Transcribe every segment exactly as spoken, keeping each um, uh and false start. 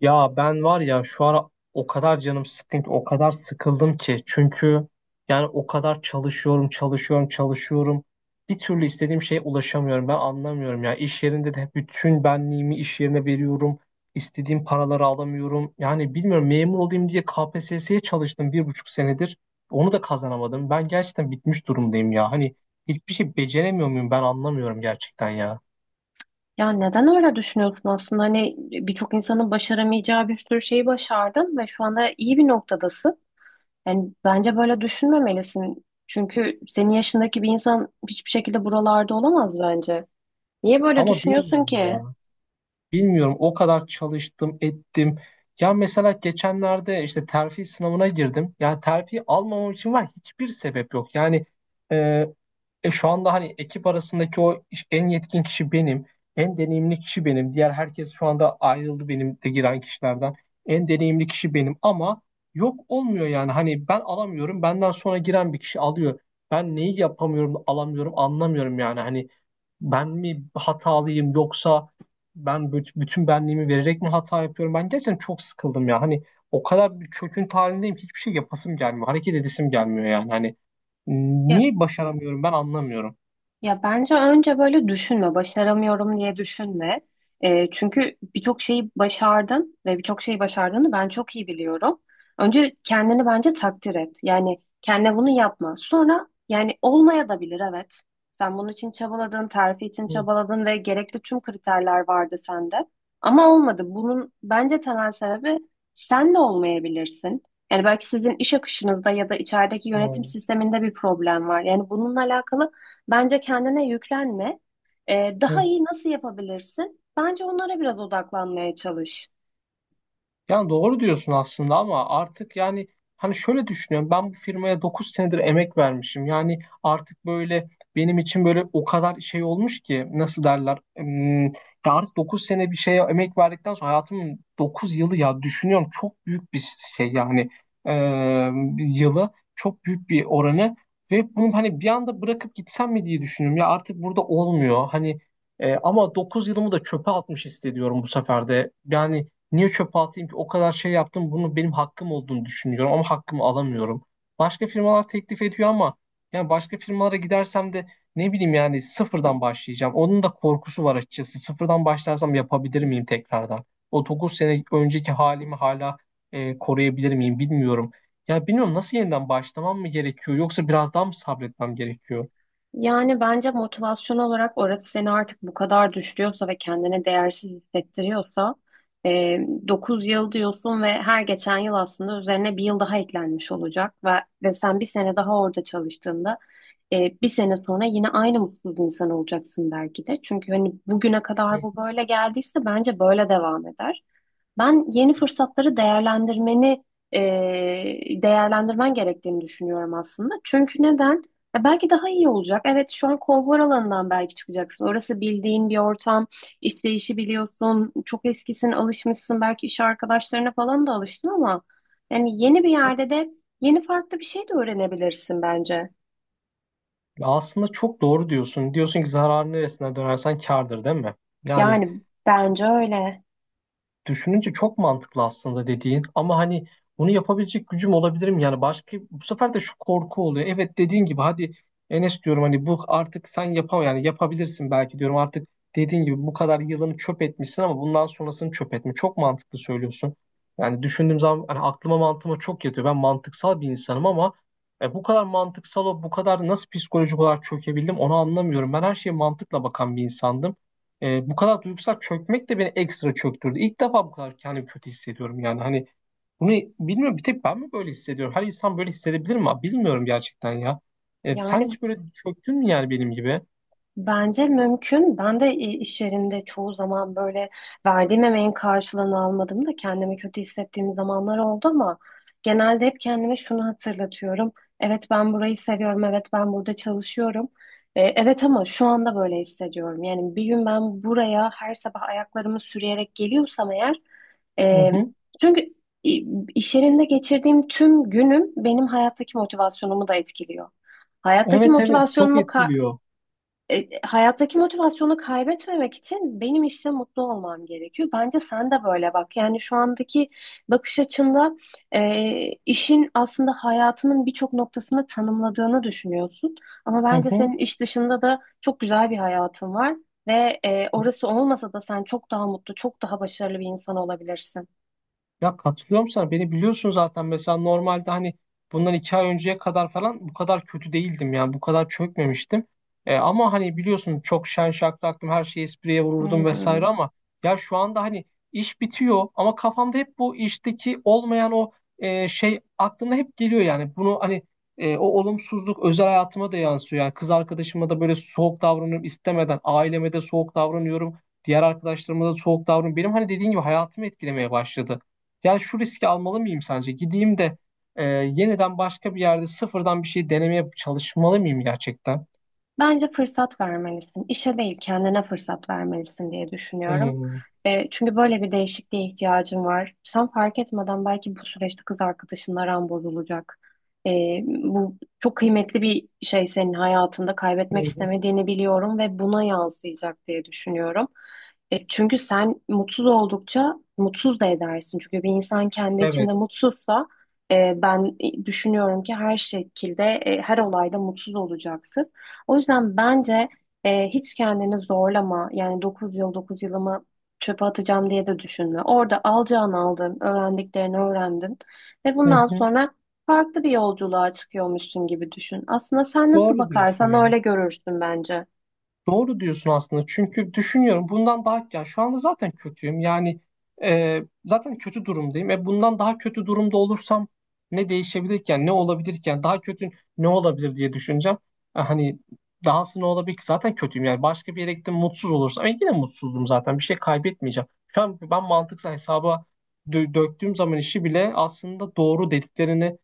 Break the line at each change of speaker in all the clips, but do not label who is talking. Ya ben var ya şu ara o kadar canım sıkkın ki, o kadar sıkıldım ki. Çünkü yani o kadar çalışıyorum, çalışıyorum, çalışıyorum. Bir türlü istediğim şeye ulaşamıyorum. Ben anlamıyorum ya. İş yerinde de bütün benliğimi iş yerine veriyorum. İstediğim paraları alamıyorum. Yani bilmiyorum memur olayım diye K P S S'ye çalıştım bir buçuk senedir. Onu da kazanamadım. Ben gerçekten bitmiş durumdayım ya. Hani hiçbir şey beceremiyor muyum ben anlamıyorum gerçekten ya.
Ya neden öyle düşünüyorsun aslında? Hani birçok insanın başaramayacağı bir sürü şeyi başardın ve şu anda iyi bir noktadasın. Yani bence böyle düşünmemelisin. Çünkü senin yaşındaki bir insan hiçbir şekilde buralarda olamaz bence. Niye böyle
Ama
düşünüyorsun
bilmiyorum
ki?
ya. Bilmiyorum, o kadar çalıştım ettim. Ya mesela geçenlerde işte terfi sınavına girdim. Ya terfi almamam için var hiçbir sebep yok. Yani e, e, şu anda hani ekip arasındaki o iş- en yetkin kişi benim. En deneyimli kişi benim. Diğer herkes şu anda ayrıldı benim de giren kişilerden. En deneyimli kişi benim, ama yok olmuyor yani. Hani ben alamıyorum. Benden sonra giren bir kişi alıyor. Ben neyi yapamıyorum, alamıyorum, anlamıyorum yani. Hani ben mi hatalıyım, yoksa ben büt- bütün benliğimi vererek mi hata yapıyorum? Ben gerçekten çok sıkıldım ya. Hani o kadar bir çöküntü halindeyim ki hiçbir şey yapasım gelmiyor. Hareket edesim gelmiyor yani. Hani
Ya
niye başaramıyorum ben anlamıyorum.
Ya bence önce böyle düşünme, başaramıyorum diye düşünme. Ee, çünkü birçok şeyi başardın ve birçok şeyi başardığını ben çok iyi biliyorum. Önce kendini bence takdir et. Yani kendine bunu yapma. Sonra yani olmaya da bilir, evet. Sen bunun için çabaladın, terfi için
Hı
çabaladın ve gerekli tüm kriterler vardı sende. Ama olmadı. Bunun bence temel sebebi sen de olmayabilirsin. Yani belki sizin iş akışınızda ya da içerideki yönetim
hı.
sisteminde bir problem var. Yani bununla alakalı bence kendine yüklenme. Ee,
Hı.
daha iyi nasıl yapabilirsin? Bence onlara biraz odaklanmaya çalış.
Yani doğru diyorsun aslında, ama artık yani hani şöyle düşünüyorum, ben bu firmaya dokuz senedir emek vermişim. Yani artık böyle benim için böyle o kadar şey olmuş ki, nasıl derler, Hmm, ya artık dokuz sene bir şeye emek verdikten sonra, hayatımın dokuz yılı ya, düşünüyorum çok büyük bir şey yani. Ee, yılı, çok büyük bir oranı, ve bunu hani bir anda bırakıp gitsem mi diye düşünüyorum ya. Artık burada olmuyor hani. E, ama dokuz yılımı da çöpe atmış hissediyorum bu sefer de yani. Niye çöpe atayım ki? O kadar şey yaptım. Bunu benim hakkım olduğunu düşünüyorum, ama hakkımı alamıyorum. Başka firmalar teklif ediyor, ama yani başka firmalara gidersem de ne bileyim, yani sıfırdan başlayacağım. Onun da korkusu var açıkçası. Sıfırdan başlarsam yapabilir miyim tekrardan? O dokuz sene önceki halimi hala e, koruyabilir miyim bilmiyorum. Ya bilmiyorum, nasıl yeniden başlamam mı gerekiyor, yoksa biraz daha mı sabretmem gerekiyor?
Yani bence motivasyon olarak orası seni artık bu kadar düşürüyorsa ve kendine değersiz hissettiriyorsa e, dokuz yıl diyorsun ve her geçen yıl aslında üzerine bir yıl daha eklenmiş olacak, ve, ve sen bir sene daha orada çalıştığında e, bir sene sonra yine aynı mutsuz insan olacaksın belki de. Çünkü hani bugüne kadar
Hı.
bu böyle geldiyse bence böyle devam eder. Ben yeni fırsatları değerlendirmeni e, değerlendirmen gerektiğini düşünüyorum aslında. Çünkü neden? Ya belki daha iyi olacak. Evet, şu an konfor alanından belki çıkacaksın. Orası bildiğin bir ortam. İşleyişi biliyorsun. Çok eskisin, alışmışsın. Belki iş arkadaşlarına falan da alıştın ama yani yeni bir yerde de yeni farklı bir şey de öğrenebilirsin bence.
Ya, aslında çok doğru diyorsun. Diyorsun ki, zararın neresine dönersen kârdır, değil mi? Yani
Yani bence öyle.
düşününce çok mantıklı aslında dediğin, ama hani bunu yapabilecek gücüm olabilir mi? Yani başka bu sefer de şu korku oluyor. Evet, dediğin gibi, hadi Enes diyorum hani, bu artık sen yapam yani yapabilirsin belki diyorum artık. Dediğin gibi bu kadar yılını çöp etmişsin, ama bundan sonrasını çöp etme. Çok mantıklı söylüyorsun. Yani düşündüğüm zaman hani aklıma, mantığıma çok yatıyor. Ben mantıksal bir insanım, ama e, bu kadar mantıksal o, bu kadar nasıl psikolojik olarak çökebildim onu anlamıyorum. Ben her şeye mantıkla bakan bir insandım. E, bu kadar duygusal çökmek de beni ekstra çöktürdü. İlk defa bu kadar kendimi kötü hissediyorum yani. Hani bunu bilmiyorum, bir tek ben mi böyle hissediyorum? Her insan böyle hissedebilir mi? Bilmiyorum gerçekten ya. E, sen
Yani
hiç böyle çöktün mü yani, benim gibi?
bence mümkün. Ben de i- iş yerinde çoğu zaman böyle verdiğim emeğin karşılığını almadım da kendimi kötü hissettiğim zamanlar oldu ama genelde hep kendime şunu hatırlatıyorum. Evet, ben burayı seviyorum. Evet, ben burada çalışıyorum. E, evet ama şu anda böyle hissediyorum. Yani bir gün ben buraya her sabah ayaklarımı sürüyerek geliyorsam eğer,
Hı
e,
hı.
çünkü i- iş yerinde geçirdiğim tüm günüm benim hayattaki motivasyonumu da etkiliyor. Hayattaki
Evet evet, çok
motivasyonumu ka-
etkiliyor.
e, Hayattaki motivasyonu kaybetmemek için benim işte mutlu olmam gerekiyor. Bence sen de böyle bak. Yani şu andaki bakış açında e, işin aslında hayatının birçok noktasını tanımladığını düşünüyorsun. Ama
Hı
bence senin
hı.
iş dışında da çok güzel bir hayatın var ve e, orası olmasa da sen çok daha mutlu, çok daha başarılı bir insan olabilirsin.
Ya, katılıyorum sana. Beni biliyorsun zaten. Mesela normalde hani bundan iki ay önceye kadar falan bu kadar kötü değildim yani. Bu kadar çökmemiştim. E, ama hani biliyorsun, çok şen şakraktım. Her şeyi espriye
Hı
vururdum vesaire,
hı.
ama ya şu anda hani iş bitiyor, ama kafamda hep bu işteki olmayan o e, şey aklımda hep geliyor yani. Bunu hani e, o olumsuzluk özel hayatıma da yansıyor. Yani kız arkadaşıma da böyle soğuk davranıyorum istemeden. Aileme de soğuk davranıyorum. Diğer arkadaşlarıma da soğuk davranıyorum. Benim hani dediğin gibi hayatımı etkilemeye başladı. Yani şu riski almalı mıyım sence? Gideyim de e, yeniden başka bir yerde sıfırdan bir şey denemeye çalışmalı mıyım gerçekten?
Bence fırsat vermelisin. İşe değil, kendine fırsat vermelisin diye düşünüyorum.
Hmm.
E, çünkü böyle bir değişikliğe ihtiyacın var. Sen fark etmeden belki bu süreçte kız arkadaşınla aran bozulacak. E, bu çok kıymetli bir şey, senin hayatında
Hı
kaybetmek
hı.
istemediğini biliyorum ve buna yansıyacak diye düşünüyorum. E, çünkü sen mutsuz oldukça mutsuz da edersin. Çünkü bir insan kendi içinde
Evet.
mutsuzsa, e, ben düşünüyorum ki her şekilde, e, her olayda mutsuz olacaktır. O yüzden bence e, hiç kendini zorlama. Yani dokuz yıl dokuz yılımı çöpe atacağım diye de düşünme. Orada alacağını aldın, öğrendiklerini öğrendin ve
Hı
bundan
hı,
sonra farklı bir yolculuğa çıkıyormuşsun gibi düşün. Aslında sen nasıl
doğru diyorsun
bakarsan
ya.
öyle görürsün bence.
Doğru diyorsun aslında. Çünkü düşünüyorum, bundan daha, ya şu anda zaten kötüyüm. Yani e, zaten kötü durumdayım. E bundan daha kötü durumda olursam ne değişebilirken, ne olabilirken, daha kötü ne olabilir diye düşüneceğim. E, hani dahası ne olabilir ki? Zaten kötüyüm. Yani başka bir yere gittim, mutsuz olursam e, yine mutsuzdum zaten. Bir şey kaybetmeyeceğim. Şu an ben mantıksal hesaba dö- döktüğüm zaman, işi bile aslında doğru dediklerini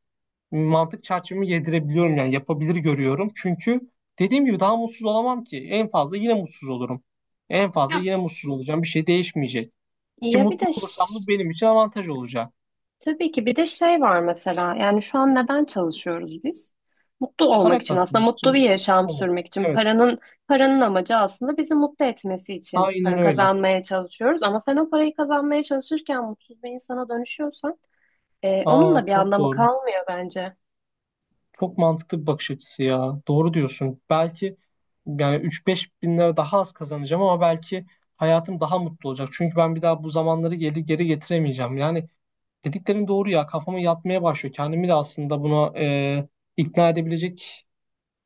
mantık çerçevemi yedirebiliyorum yani, yapabilir görüyorum. Çünkü dediğim gibi daha mutsuz olamam ki. En fazla yine mutsuz olurum. En fazla
Ya
yine mutsuz olacağım. Bir şey değişmeyecek. Ki
Ya bir
mutlu
de
olursam da
ş-
benim için avantaj olacak.
Tabii ki bir de şey var mesela. Yani şu an neden çalışıyoruz biz? Mutlu olmak
Para
için, aslında
kazanmak
mutlu bir
için,
yaşam
mutlu olmak.
sürmek için
Evet.
paranın paranın amacı aslında bizi mutlu etmesi için
Aynen
para
öyle.
kazanmaya çalışıyoruz, ama sen o parayı kazanmaya çalışırken mutsuz bir insana dönüşüyorsan e, onun
Aa,
da bir
çok
anlamı
doğru.
kalmıyor bence.
Çok mantıklı bir bakış açısı ya. Doğru diyorsun. Belki yani üç beş bin lira daha az kazanacağım, ama belki hayatım daha mutlu olacak. Çünkü ben bir daha bu zamanları geri geri getiremeyeceğim. Yani dediklerin doğru ya, kafama yatmaya başlıyor. Kendimi de aslında buna e, ikna edebilecek,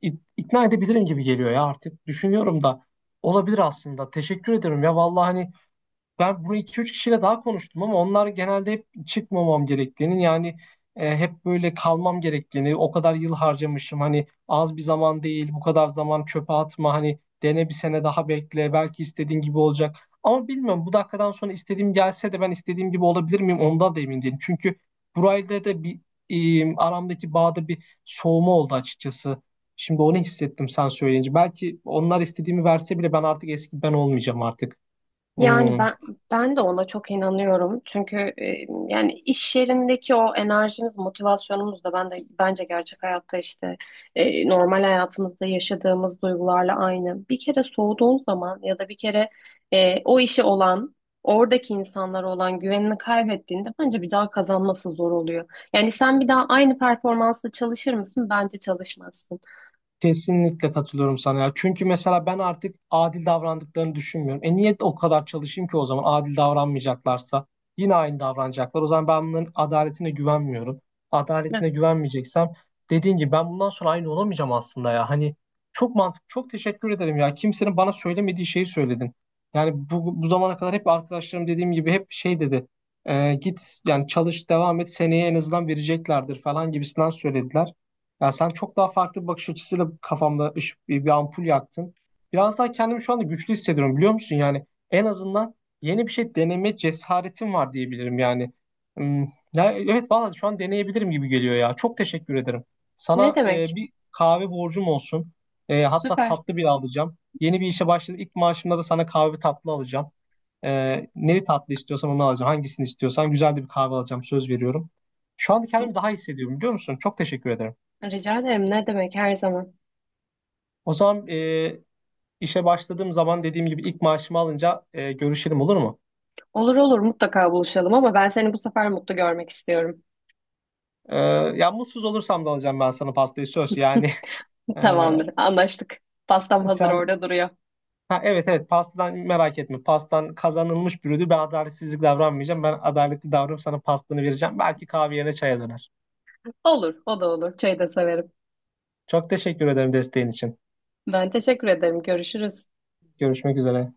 ik- ikna edebilirim gibi geliyor ya artık. Düşünüyorum da olabilir aslında. Teşekkür ederim ya vallahi. Hani ben bunu iki üç kişiyle daha konuştum, ama onlar genelde hep çıkmamam gerektiğini, yani e, hep böyle kalmam gerektiğini, o kadar yıl harcamışım hani, az bir zaman değil, bu kadar zaman çöpe atma hani, dene, bir sene daha bekle, belki istediğin gibi olacak. Ama bilmiyorum, bu dakikadan sonra istediğim gelse de ben istediğim gibi olabilir miyim ondan da emin değilim. Çünkü burayla da bir, e, aramdaki bağda bir soğuma oldu açıkçası. Şimdi onu hissettim sen söyleyince. Belki onlar istediğimi verse bile, ben artık eski ben olmayacağım artık.
Yani
Hmm.
ben Ben de ona çok inanıyorum. Çünkü e, yani iş yerindeki o enerjimiz, motivasyonumuz da ben de bence gerçek hayatta, işte e, normal hayatımızda yaşadığımız duygularla aynı. Bir kere soğuduğun zaman ya da bir kere e, o işe olan, oradaki insanlara olan güvenini kaybettiğinde bence bir daha kazanması zor oluyor. Yani sen bir daha aynı performansla çalışır mısın? Bence çalışmazsın.
Kesinlikle katılıyorum sana ya. Çünkü mesela ben artık adil davrandıklarını düşünmüyorum. E niye o kadar çalışayım ki, o zaman adil davranmayacaklarsa yine aynı davranacaklar. O zaman ben bunların adaletine güvenmiyorum.
Ne,
Adaletine güvenmeyeceksem, dediğin gibi ben bundan sonra aynı olamayacağım aslında ya. Hani çok mantıklı. Çok teşekkür ederim ya. Kimsenin bana söylemediği şeyi söyledin. Yani bu, bu zamana kadar hep arkadaşlarım, dediğim gibi hep şey dedi. E, git yani, çalış, devam et, seneye en azından vereceklerdir falan gibisinden söylediler. Yani sen çok daha farklı bir bakış açısıyla kafamda ışık, bir, bir ampul yaktın. Biraz daha kendimi şu anda güçlü hissediyorum, biliyor musun? Yani en azından yeni bir şey deneme cesaretim var diyebilirim yani. Hmm. Ya, evet vallahi, şu an deneyebilirim gibi geliyor ya. Çok teşekkür ederim.
ne
Sana e,
demek?
bir kahve borcum olsun. E, hatta
Süper.
tatlı bile alacağım. Yeni bir işe başladım. İlk maaşımda da sana kahve, tatlı alacağım. E, neli tatlı istiyorsan onu alacağım. Hangisini istiyorsan, güzel de bir kahve alacağım. Söz veriyorum. Şu anda kendimi daha iyi hissediyorum, biliyor musun? Çok teşekkür ederim.
Rica ederim. Ne demek, her zaman.
O zaman e, işe başladığım zaman, dediğim gibi ilk maaşımı alınca e, görüşelim, olur mu?
Olur olur, mutlaka buluşalım ama ben seni bu sefer mutlu görmek istiyorum.
E, ya mutsuz olursam da alacağım ben sana pastayı, söz. Yani
Tamamdır, anlaştık. Pastam
e,
hazır
sen
orada duruyor.
ha, evet evet, pastadan merak etme. Pastan kazanılmış bir ödül. Ben adaletsizlik davranmayacağım. Ben adaletli davranıp sana pastanı vereceğim. Belki kahve yerine çaya döner.
Olur, o da olur. Çayı da severim.
Çok teşekkür ederim desteğin için.
Ben teşekkür ederim. Görüşürüz.
Görüşmek üzere.